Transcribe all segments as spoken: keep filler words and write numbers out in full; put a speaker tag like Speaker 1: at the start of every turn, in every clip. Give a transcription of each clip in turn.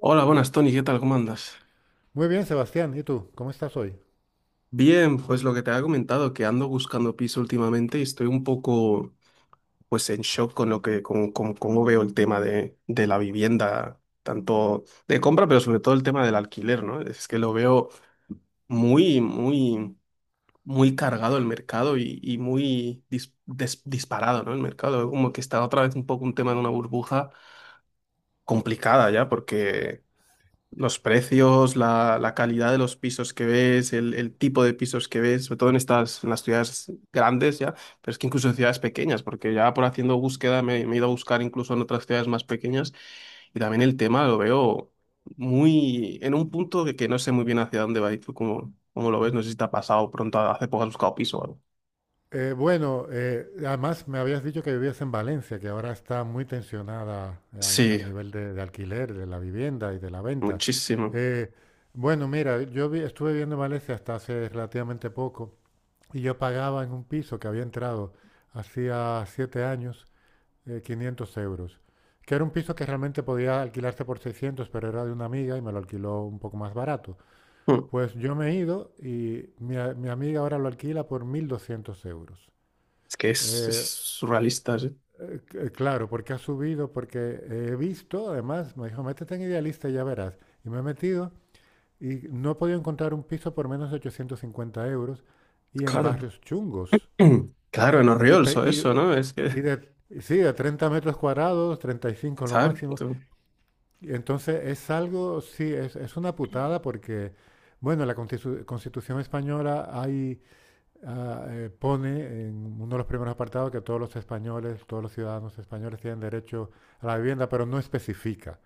Speaker 1: Hola, buenas, Tony, ¿qué tal? ¿Cómo andas?
Speaker 2: Muy bien, Sebastián. ¿Y tú? ¿Cómo estás hoy?
Speaker 1: Bien, pues lo que te había comentado, que ando buscando piso últimamente y estoy un poco, pues, en shock con lo que, con, con cómo veo el tema de, de la vivienda, tanto de compra, pero sobre todo el tema del alquiler, ¿no? Es que lo veo muy, muy, muy cargado el mercado y, y muy dis- des- disparado, ¿no? El mercado, como que está otra vez un poco un tema de una burbuja complicada ya, porque los precios, la, la calidad de los pisos que ves, el, el tipo de pisos que ves, sobre todo en estas, en las ciudades grandes ya, pero es que incluso en ciudades pequeñas, porque ya por haciendo búsqueda me, me he ido a buscar incluso en otras ciudades más pequeñas y también el tema lo veo muy en un punto que, que no sé muy bien hacia dónde va y tú cómo, cómo lo ves, no sé si te ha pasado pronto, hace poco has buscado piso o algo.
Speaker 2: Eh, bueno, eh, además me habías dicho que vivías en Valencia, que ahora está muy tensionada, eh, a, a
Speaker 1: Sí,
Speaker 2: nivel de, de alquiler, de la vivienda y de la venta.
Speaker 1: muchísimo.
Speaker 2: Eh, bueno, mira, yo vi- estuve viviendo en Valencia hasta hace relativamente poco y yo pagaba en un piso que había entrado hacía siete años, eh, quinientos euros, que era un piso que realmente podía alquilarse por seiscientos, pero era de una amiga y me lo alquiló un poco más barato.
Speaker 1: Hmm.
Speaker 2: Pues yo me he ido y mi, a- mi amiga ahora lo alquila por mil doscientos euros.
Speaker 1: Es que es, es
Speaker 2: Eh,
Speaker 1: surrealista, sí.
Speaker 2: eh, c- claro, porque ha subido, porque he visto. Además, me dijo: métete en Idealista y ya verás. Y me he metido y no he podido encontrar un piso por menos de ochocientos cincuenta euros y en
Speaker 1: Claro.
Speaker 2: barrios chungos.
Speaker 1: Claro, en
Speaker 2: Y,
Speaker 1: Orriols
Speaker 2: pe-
Speaker 1: o eso,
Speaker 2: y-
Speaker 1: ¿no? Es que,
Speaker 2: y de, y sí, de treinta metros cuadrados, treinta y cinco lo
Speaker 1: ¿sabes?
Speaker 2: máximo. Y Entonces es algo, sí, es, es una putada porque, bueno, en la constitu- Constitución española hay, ah, eh, pone en uno de los primeros apartados que todos los españoles, todos los ciudadanos españoles, tienen derecho a la vivienda, pero no especifica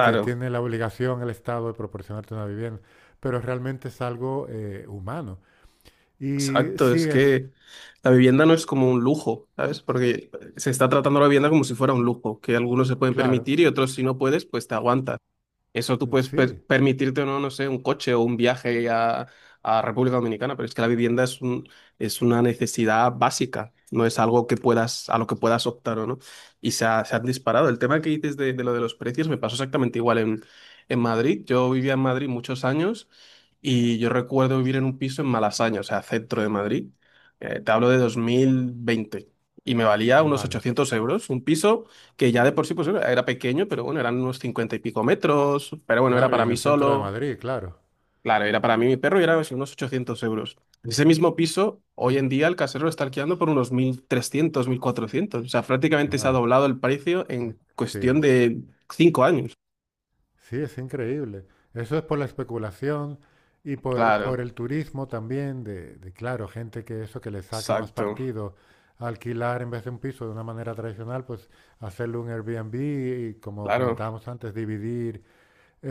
Speaker 2: que tiene la obligación el Estado de proporcionarte una vivienda, pero realmente es algo eh, humano. Y
Speaker 1: exacto.
Speaker 2: sí
Speaker 1: Es
Speaker 2: es,
Speaker 1: que la vivienda no es como un lujo, ¿sabes? Porque se está tratando la vivienda como si fuera un lujo, que algunos se pueden
Speaker 2: claro,
Speaker 1: permitir y otros si no puedes, pues te aguantas. Eso tú puedes per-
Speaker 2: sí,
Speaker 1: permitirte, no, no sé, un coche o un viaje a, a República Dominicana, pero es que la vivienda es un, es una necesidad básica, no es algo que puedas, a lo que puedas optar o no. Y se, ha- se han disparado. El tema que dices de, de lo de los precios me pasó exactamente igual en, en Madrid. Yo vivía en Madrid muchos años y yo recuerdo vivir en un piso en Malasaña, o sea, centro de Madrid. Eh, te hablo de dos mil veinte y me valía unos
Speaker 2: vale,
Speaker 1: ochocientos euros un piso que ya de por sí pues era era pequeño, pero bueno, eran unos cincuenta y pico metros, pero bueno, era
Speaker 2: claro, y
Speaker 1: para
Speaker 2: en
Speaker 1: mí
Speaker 2: el centro de
Speaker 1: solo,
Speaker 2: Madrid, claro.
Speaker 1: claro, era para mí y mi perro y era así unos ochocientos euros. Ese mismo piso, hoy en día el casero lo está alquilando por unos mil trescientos mil cuatrocientos, o sea, prácticamente se ha
Speaker 2: Madre,
Speaker 1: doblado el precio en cuestión
Speaker 2: sí.
Speaker 1: de cinco años.
Speaker 2: Sí, es increíble. Eso es por la especulación y por,
Speaker 1: Claro,
Speaker 2: por el turismo también, de, de, claro, gente que eso que le saca más
Speaker 1: exacto,
Speaker 2: partido alquilar, en vez de un piso de una manera tradicional, pues hacerle un Airbnb y, como
Speaker 1: claro,
Speaker 2: comentábamos antes, dividir.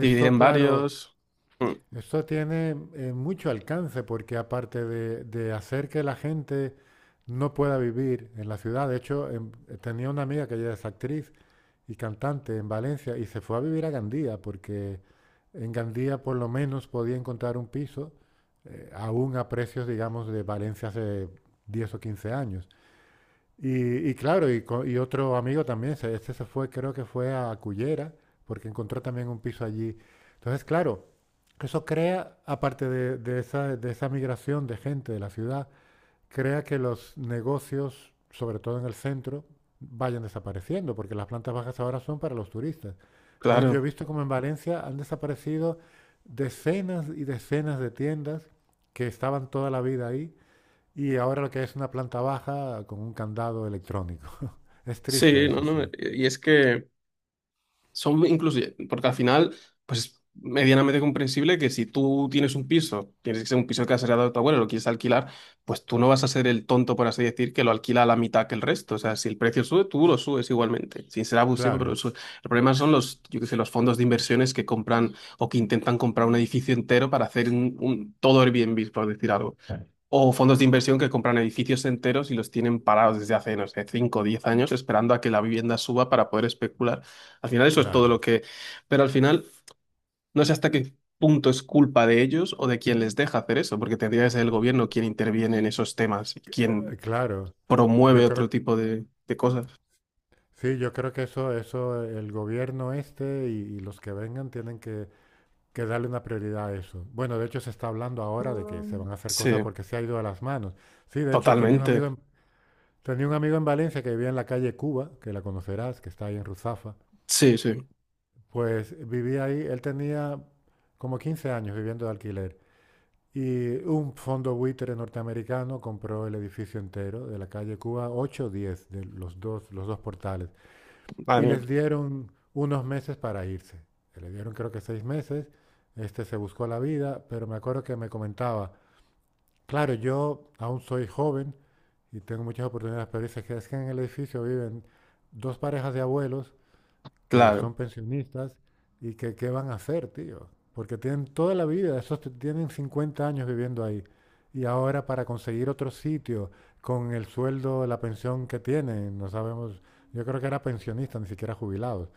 Speaker 1: dividir en
Speaker 2: claro,
Speaker 1: varios, mm,
Speaker 2: eso tiene eh, mucho alcance, porque aparte de, de hacer que la gente no pueda vivir en la ciudad, de hecho, em, tenía una amiga que ella es actriz y cantante en Valencia y se fue a vivir a Gandía, porque en Gandía por lo menos podía encontrar un piso eh, aún a precios, digamos, de Valencia hace diez o quince años. Y, y claro, y, co- y otro amigo también, este se fue, creo que fue a Cullera, porque encontró también un piso allí. Entonces, claro, eso crea, aparte de, de esa, de esa migración de gente de la ciudad, crea que los negocios, sobre todo en el centro, vayan desapareciendo, porque las plantas bajas ahora son para los turistas. Entonces yo he
Speaker 1: claro,
Speaker 2: visto como en Valencia han desaparecido decenas y decenas de tiendas que estaban toda la vida ahí, y ahora lo que es una planta baja con un candado electrónico. Es triste
Speaker 1: sí, no,
Speaker 2: eso,
Speaker 1: no,
Speaker 2: sí.
Speaker 1: y es que... Son inclusive, porque al final, pues es medianamente comprensible que si tú tienes un piso, tienes que ser un piso que has heredado de tu abuelo, lo quieres alquilar, pues tú no vas a ser el tonto, por así decir, que lo alquila a la mitad que el resto. O sea, si el precio sube, tú lo subes igualmente, sin ser abusivo, pero
Speaker 2: Claro,
Speaker 1: sube. El problema son los, yo qué sé, los fondos de inversiones que compran o que intentan comprar un edificio entero para hacer un, un todo Airbnb, por decir algo. O fondos de inversión que compran edificios enteros y los tienen parados desde hace, no sé, cinco o diez años esperando a que la vivienda suba para poder especular. Al final eso es todo lo
Speaker 2: claro.
Speaker 1: que... Pero al final no sé hasta qué punto es culpa de ellos o de quien les deja hacer eso, porque tendría que ser el gobierno quien interviene en esos temas y
Speaker 2: Eh,
Speaker 1: quien
Speaker 2: Claro, yo
Speaker 1: promueve otro
Speaker 2: creo,
Speaker 1: tipo de, de cosas.
Speaker 2: sí, yo creo que eso, eso, el gobierno este y, y los que vengan tienen que que darle una prioridad a eso. Bueno, de hecho, se está hablando ahora de que se van a hacer
Speaker 1: Sí,
Speaker 2: cosas, porque se ha ido a las manos. Sí, de hecho tenía un amigo
Speaker 1: totalmente.
Speaker 2: en, tenía un amigo en Valencia que vivía en la calle Cuba, que la conocerás, que está ahí en Ruzafa.
Speaker 1: Sí, sí.
Speaker 2: Pues vivía ahí, él tenía como quince años viviendo de alquiler. Y un fondo buitre norteamericano compró el edificio entero de la calle Cuba, ocho o diez, de los dos, los dos portales.
Speaker 1: Madre
Speaker 2: Y
Speaker 1: mía.
Speaker 2: les dieron unos meses para irse. Le dieron, creo, que seis meses. Este se buscó la vida, pero me acuerdo que me comentaba, claro, yo aún soy joven y tengo muchas oportunidades, pero dice que es que en el edificio viven dos parejas de abuelos que
Speaker 1: Claro.
Speaker 2: son pensionistas, y que qué van a hacer, tío, porque tienen toda la vida, esos t- tienen cincuenta años viviendo ahí. Y ahora, para conseguir otro sitio con el sueldo, la pensión que tienen, no sabemos, yo creo que era pensionista, ni siquiera jubilados.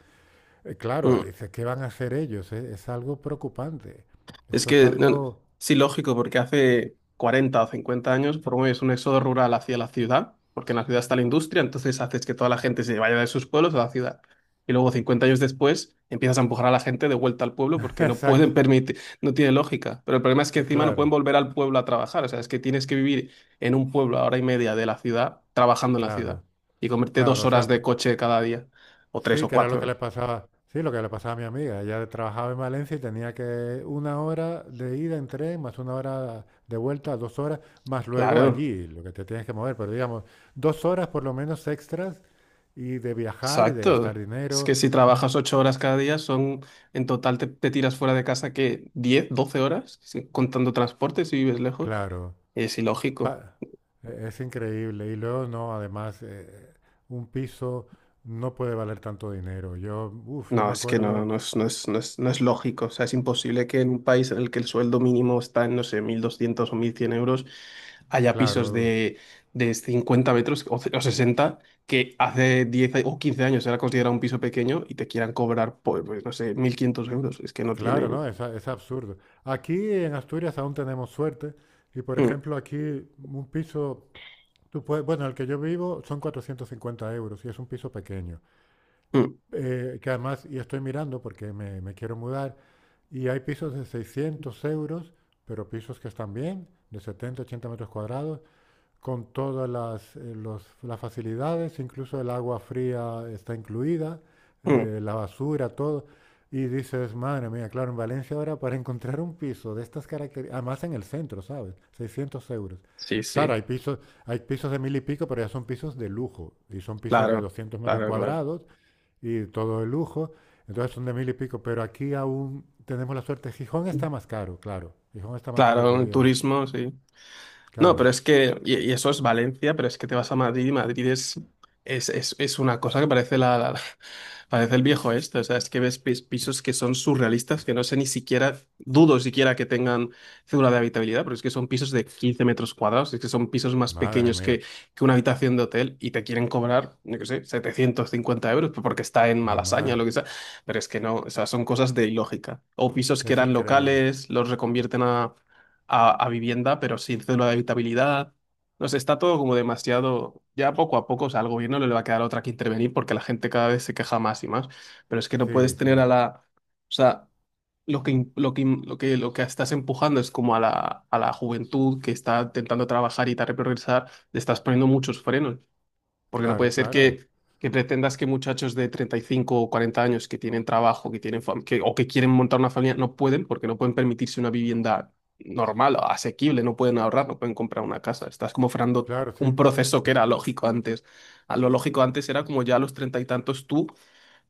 Speaker 2: Eh, Claro,
Speaker 1: Mm.
Speaker 2: dice, ¿qué van a hacer ellos? Eh, Es, algo preocupante.
Speaker 1: Es
Speaker 2: Eso es
Speaker 1: que, no, no,
Speaker 2: algo...
Speaker 1: sí, lógico, porque hace cuarenta o cincuenta años promueves un éxodo rural hacia la ciudad, porque en la ciudad está la industria, entonces haces que toda la gente se vaya de sus pueblos a la ciudad. Y luego, cincuenta años después, empiezas a empujar a la gente de vuelta al pueblo porque no
Speaker 2: Exacto.
Speaker 1: pueden permitir, no tiene lógica. Pero el problema es que
Speaker 2: Eh,
Speaker 1: encima no pueden
Speaker 2: Claro,
Speaker 1: volver al pueblo a trabajar, o sea, es que tienes que vivir en un pueblo a hora y media de la ciudad, trabajando en la ciudad,
Speaker 2: claro,
Speaker 1: y comerte
Speaker 2: claro.
Speaker 1: dos
Speaker 2: O
Speaker 1: horas
Speaker 2: sea,
Speaker 1: de coche cada día, o tres
Speaker 2: sí,
Speaker 1: o
Speaker 2: que era lo que le
Speaker 1: cuatro.
Speaker 2: pasaba. Sí, lo que le pasaba a mi amiga. Ella trabajaba en Valencia y tenía que una hora de ida en tren, más una hora de vuelta, dos horas, más luego
Speaker 1: Claro.
Speaker 2: allí, lo que te tienes que mover. Pero digamos, dos horas por lo menos extras, y de viajar y de gastar
Speaker 1: Exacto. Es
Speaker 2: dinero.
Speaker 1: que si trabajas ocho horas cada día, son en total te, te tiras fuera de casa que diez doce horas, sí, contando transporte si vives lejos.
Speaker 2: Claro.
Speaker 1: Es ilógico.
Speaker 2: Pa- eh, es increíble. Y luego no, además, eh, un piso no puede valer tanto dinero. Yo, uff, yo
Speaker 1: No,
Speaker 2: me
Speaker 1: es que no,
Speaker 2: acuerdo,
Speaker 1: no es, no es, no es, no es lógico. O sea, es imposible que en un país en el que el sueldo mínimo está en, no sé, mil doscientos o mil cien euros, haya pisos
Speaker 2: claro,
Speaker 1: de, de cincuenta metros o, ce- o sesenta que hace diez o quince años era considerado un piso pequeño y te quieran cobrar, pues, pues, no sé, mil quinientos euros. Es que no tiene...
Speaker 2: claro, ¿no? Es, a- es absurdo. Aquí en Asturias aún tenemos suerte. Y por
Speaker 1: Mm,
Speaker 2: ejemplo, aquí un piso, tú puedes, bueno, el que yo vivo son cuatrocientos cincuenta euros y es un piso pequeño.
Speaker 1: mm,
Speaker 2: Eh, que además, y estoy mirando porque me, me quiero mudar, y hay pisos de seiscientos euros, pero pisos que están bien, de setenta ochenta metros cuadrados, con todas las, eh, los- las facilidades, incluso el agua fría está incluida,
Speaker 1: mm.
Speaker 2: eh, la basura, todo. Y dices, madre mía, claro, en Valencia ahora, para encontrar un piso de estas características, además en el centro, ¿sabes?, seiscientos euros.
Speaker 1: Sí,
Speaker 2: Claro,
Speaker 1: sí,
Speaker 2: hay pisos, hay pisos de mil y pico, pero ya son pisos de lujo. Y son pisos de
Speaker 1: claro,
Speaker 2: doscientos metros
Speaker 1: claro, claro.
Speaker 2: cuadrados y todo de lujo. Entonces son de mil y pico. Pero aquí aún tenemos la suerte. Gijón está más caro, claro. Gijón está más caro
Speaker 1: Claro,
Speaker 2: que
Speaker 1: el
Speaker 2: Oviedo.
Speaker 1: turismo, sí. No,
Speaker 2: Claro.
Speaker 1: pero es que, y, y eso es Valencia, pero es que te vas a Madrid y Madrid es, es, es, es una cosa que parece la, la- parece el viejo este. O sea, es que ves pis- pisos que son surrealistas, que no sé ni siquiera, dudo siquiera que tengan cédula de habitabilidad, pero es que son pisos de quince metros cuadrados, es que son pisos más
Speaker 2: Madre
Speaker 1: pequeños
Speaker 2: mía.
Speaker 1: que, que una habitación de hotel y te quieren cobrar, yo qué sé, setecientos cincuenta euros porque está en Malasaña o
Speaker 2: Madre
Speaker 1: lo que sea. Pero es que no, o sea, son cosas de ilógica. O pisos que
Speaker 2: Es
Speaker 1: eran
Speaker 2: increíble.
Speaker 1: locales, los reconvierten a a, a vivienda, pero sin cédula de habitabilidad. No sé, está todo como demasiado. Ya poco a poco, o sea, al gobierno no le va a quedar otra que intervenir porque la gente cada vez se queja más y más. Pero es que no puedes
Speaker 2: Sí,
Speaker 1: tener
Speaker 2: sí.
Speaker 1: a la. O sea, lo que, im- lo que, im- lo que, lo que estás empujando es como a la, a la juventud que está intentando trabajar y tal, progresar, le estás poniendo muchos frenos. Porque no puede
Speaker 2: Claro,
Speaker 1: ser
Speaker 2: claro.
Speaker 1: que, que pretendas que muchachos de treinta y cinco o cuarenta años que tienen trabajo, que tienen fam- que, o que quieren montar una familia, no pueden porque no pueden permitirse una vivienda normal, asequible, no pueden ahorrar, no pueden comprar una casa. Estás como frenando
Speaker 2: Claro,
Speaker 1: un
Speaker 2: sí.
Speaker 1: proceso que era lógico antes. A lo lógico antes era como ya a los treinta y tantos tú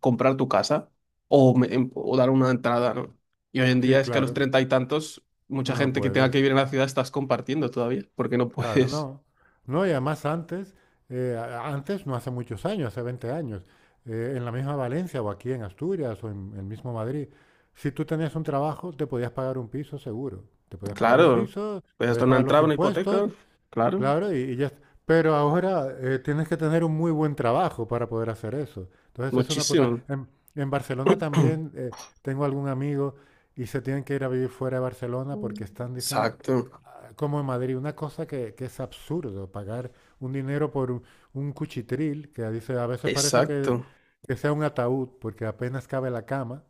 Speaker 1: comprar tu casa o, me- em- o dar una entrada, ¿no? Y hoy en
Speaker 2: Sí,
Speaker 1: día es que a los
Speaker 2: claro.
Speaker 1: treinta y tantos,
Speaker 2: No
Speaker 1: mucha
Speaker 2: no
Speaker 1: gente que tenga que
Speaker 2: puedes.
Speaker 1: vivir en la ciudad estás compartiendo todavía, porque no
Speaker 2: Claro,
Speaker 1: puedes.
Speaker 2: no. No, y además antes, eh, a- antes, no hace muchos años, hace veinte años, eh, en la misma Valencia o aquí en Asturias o en el mismo Madrid, si tú tenías un trabajo, te podías pagar un piso seguro. Te podías pagar un
Speaker 1: Claro,
Speaker 2: piso,
Speaker 1: pues esto
Speaker 2: podías
Speaker 1: no
Speaker 2: pagar los
Speaker 1: entraba en una
Speaker 2: impuestos.
Speaker 1: hipoteca, claro,
Speaker 2: Claro, y, y ya. est- Pero ahora, eh, tienes que tener un muy buen trabajo para poder hacer eso. Entonces es una puta.
Speaker 1: muchísimo.
Speaker 2: En, en Barcelona también, eh, tengo algún amigo y se tienen que ir a vivir fuera de Barcelona porque están, dicen, eh,
Speaker 1: Exacto,
Speaker 2: ah, como en Madrid, una cosa que, que es absurdo: pagar un dinero por un, un cuchitril, que dice, a veces parece que,
Speaker 1: exacto,
Speaker 2: que sea un ataúd, porque apenas cabe la cama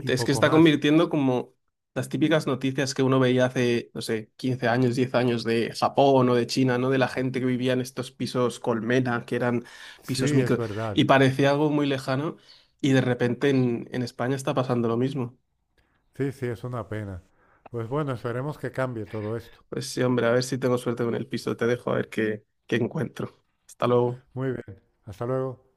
Speaker 2: y
Speaker 1: Es que se
Speaker 2: poco
Speaker 1: está
Speaker 2: más.
Speaker 1: convirtiendo como las típicas noticias que uno veía hace, no sé, quince años, diez años de Japón o de China, ¿no? De la gente que vivía en estos pisos colmena, que eran
Speaker 2: Sí,
Speaker 1: pisos
Speaker 2: es
Speaker 1: micro, y
Speaker 2: verdad.
Speaker 1: parecía algo muy lejano, y de repente en, en España está pasando lo mismo.
Speaker 2: Sí, sí, es una pena. Pues bueno, esperemos que cambie todo esto.
Speaker 1: Pues sí, hombre, a ver si tengo suerte con el piso, te dejo a ver qué, qué encuentro. Hasta luego.
Speaker 2: Muy bien. Hasta luego.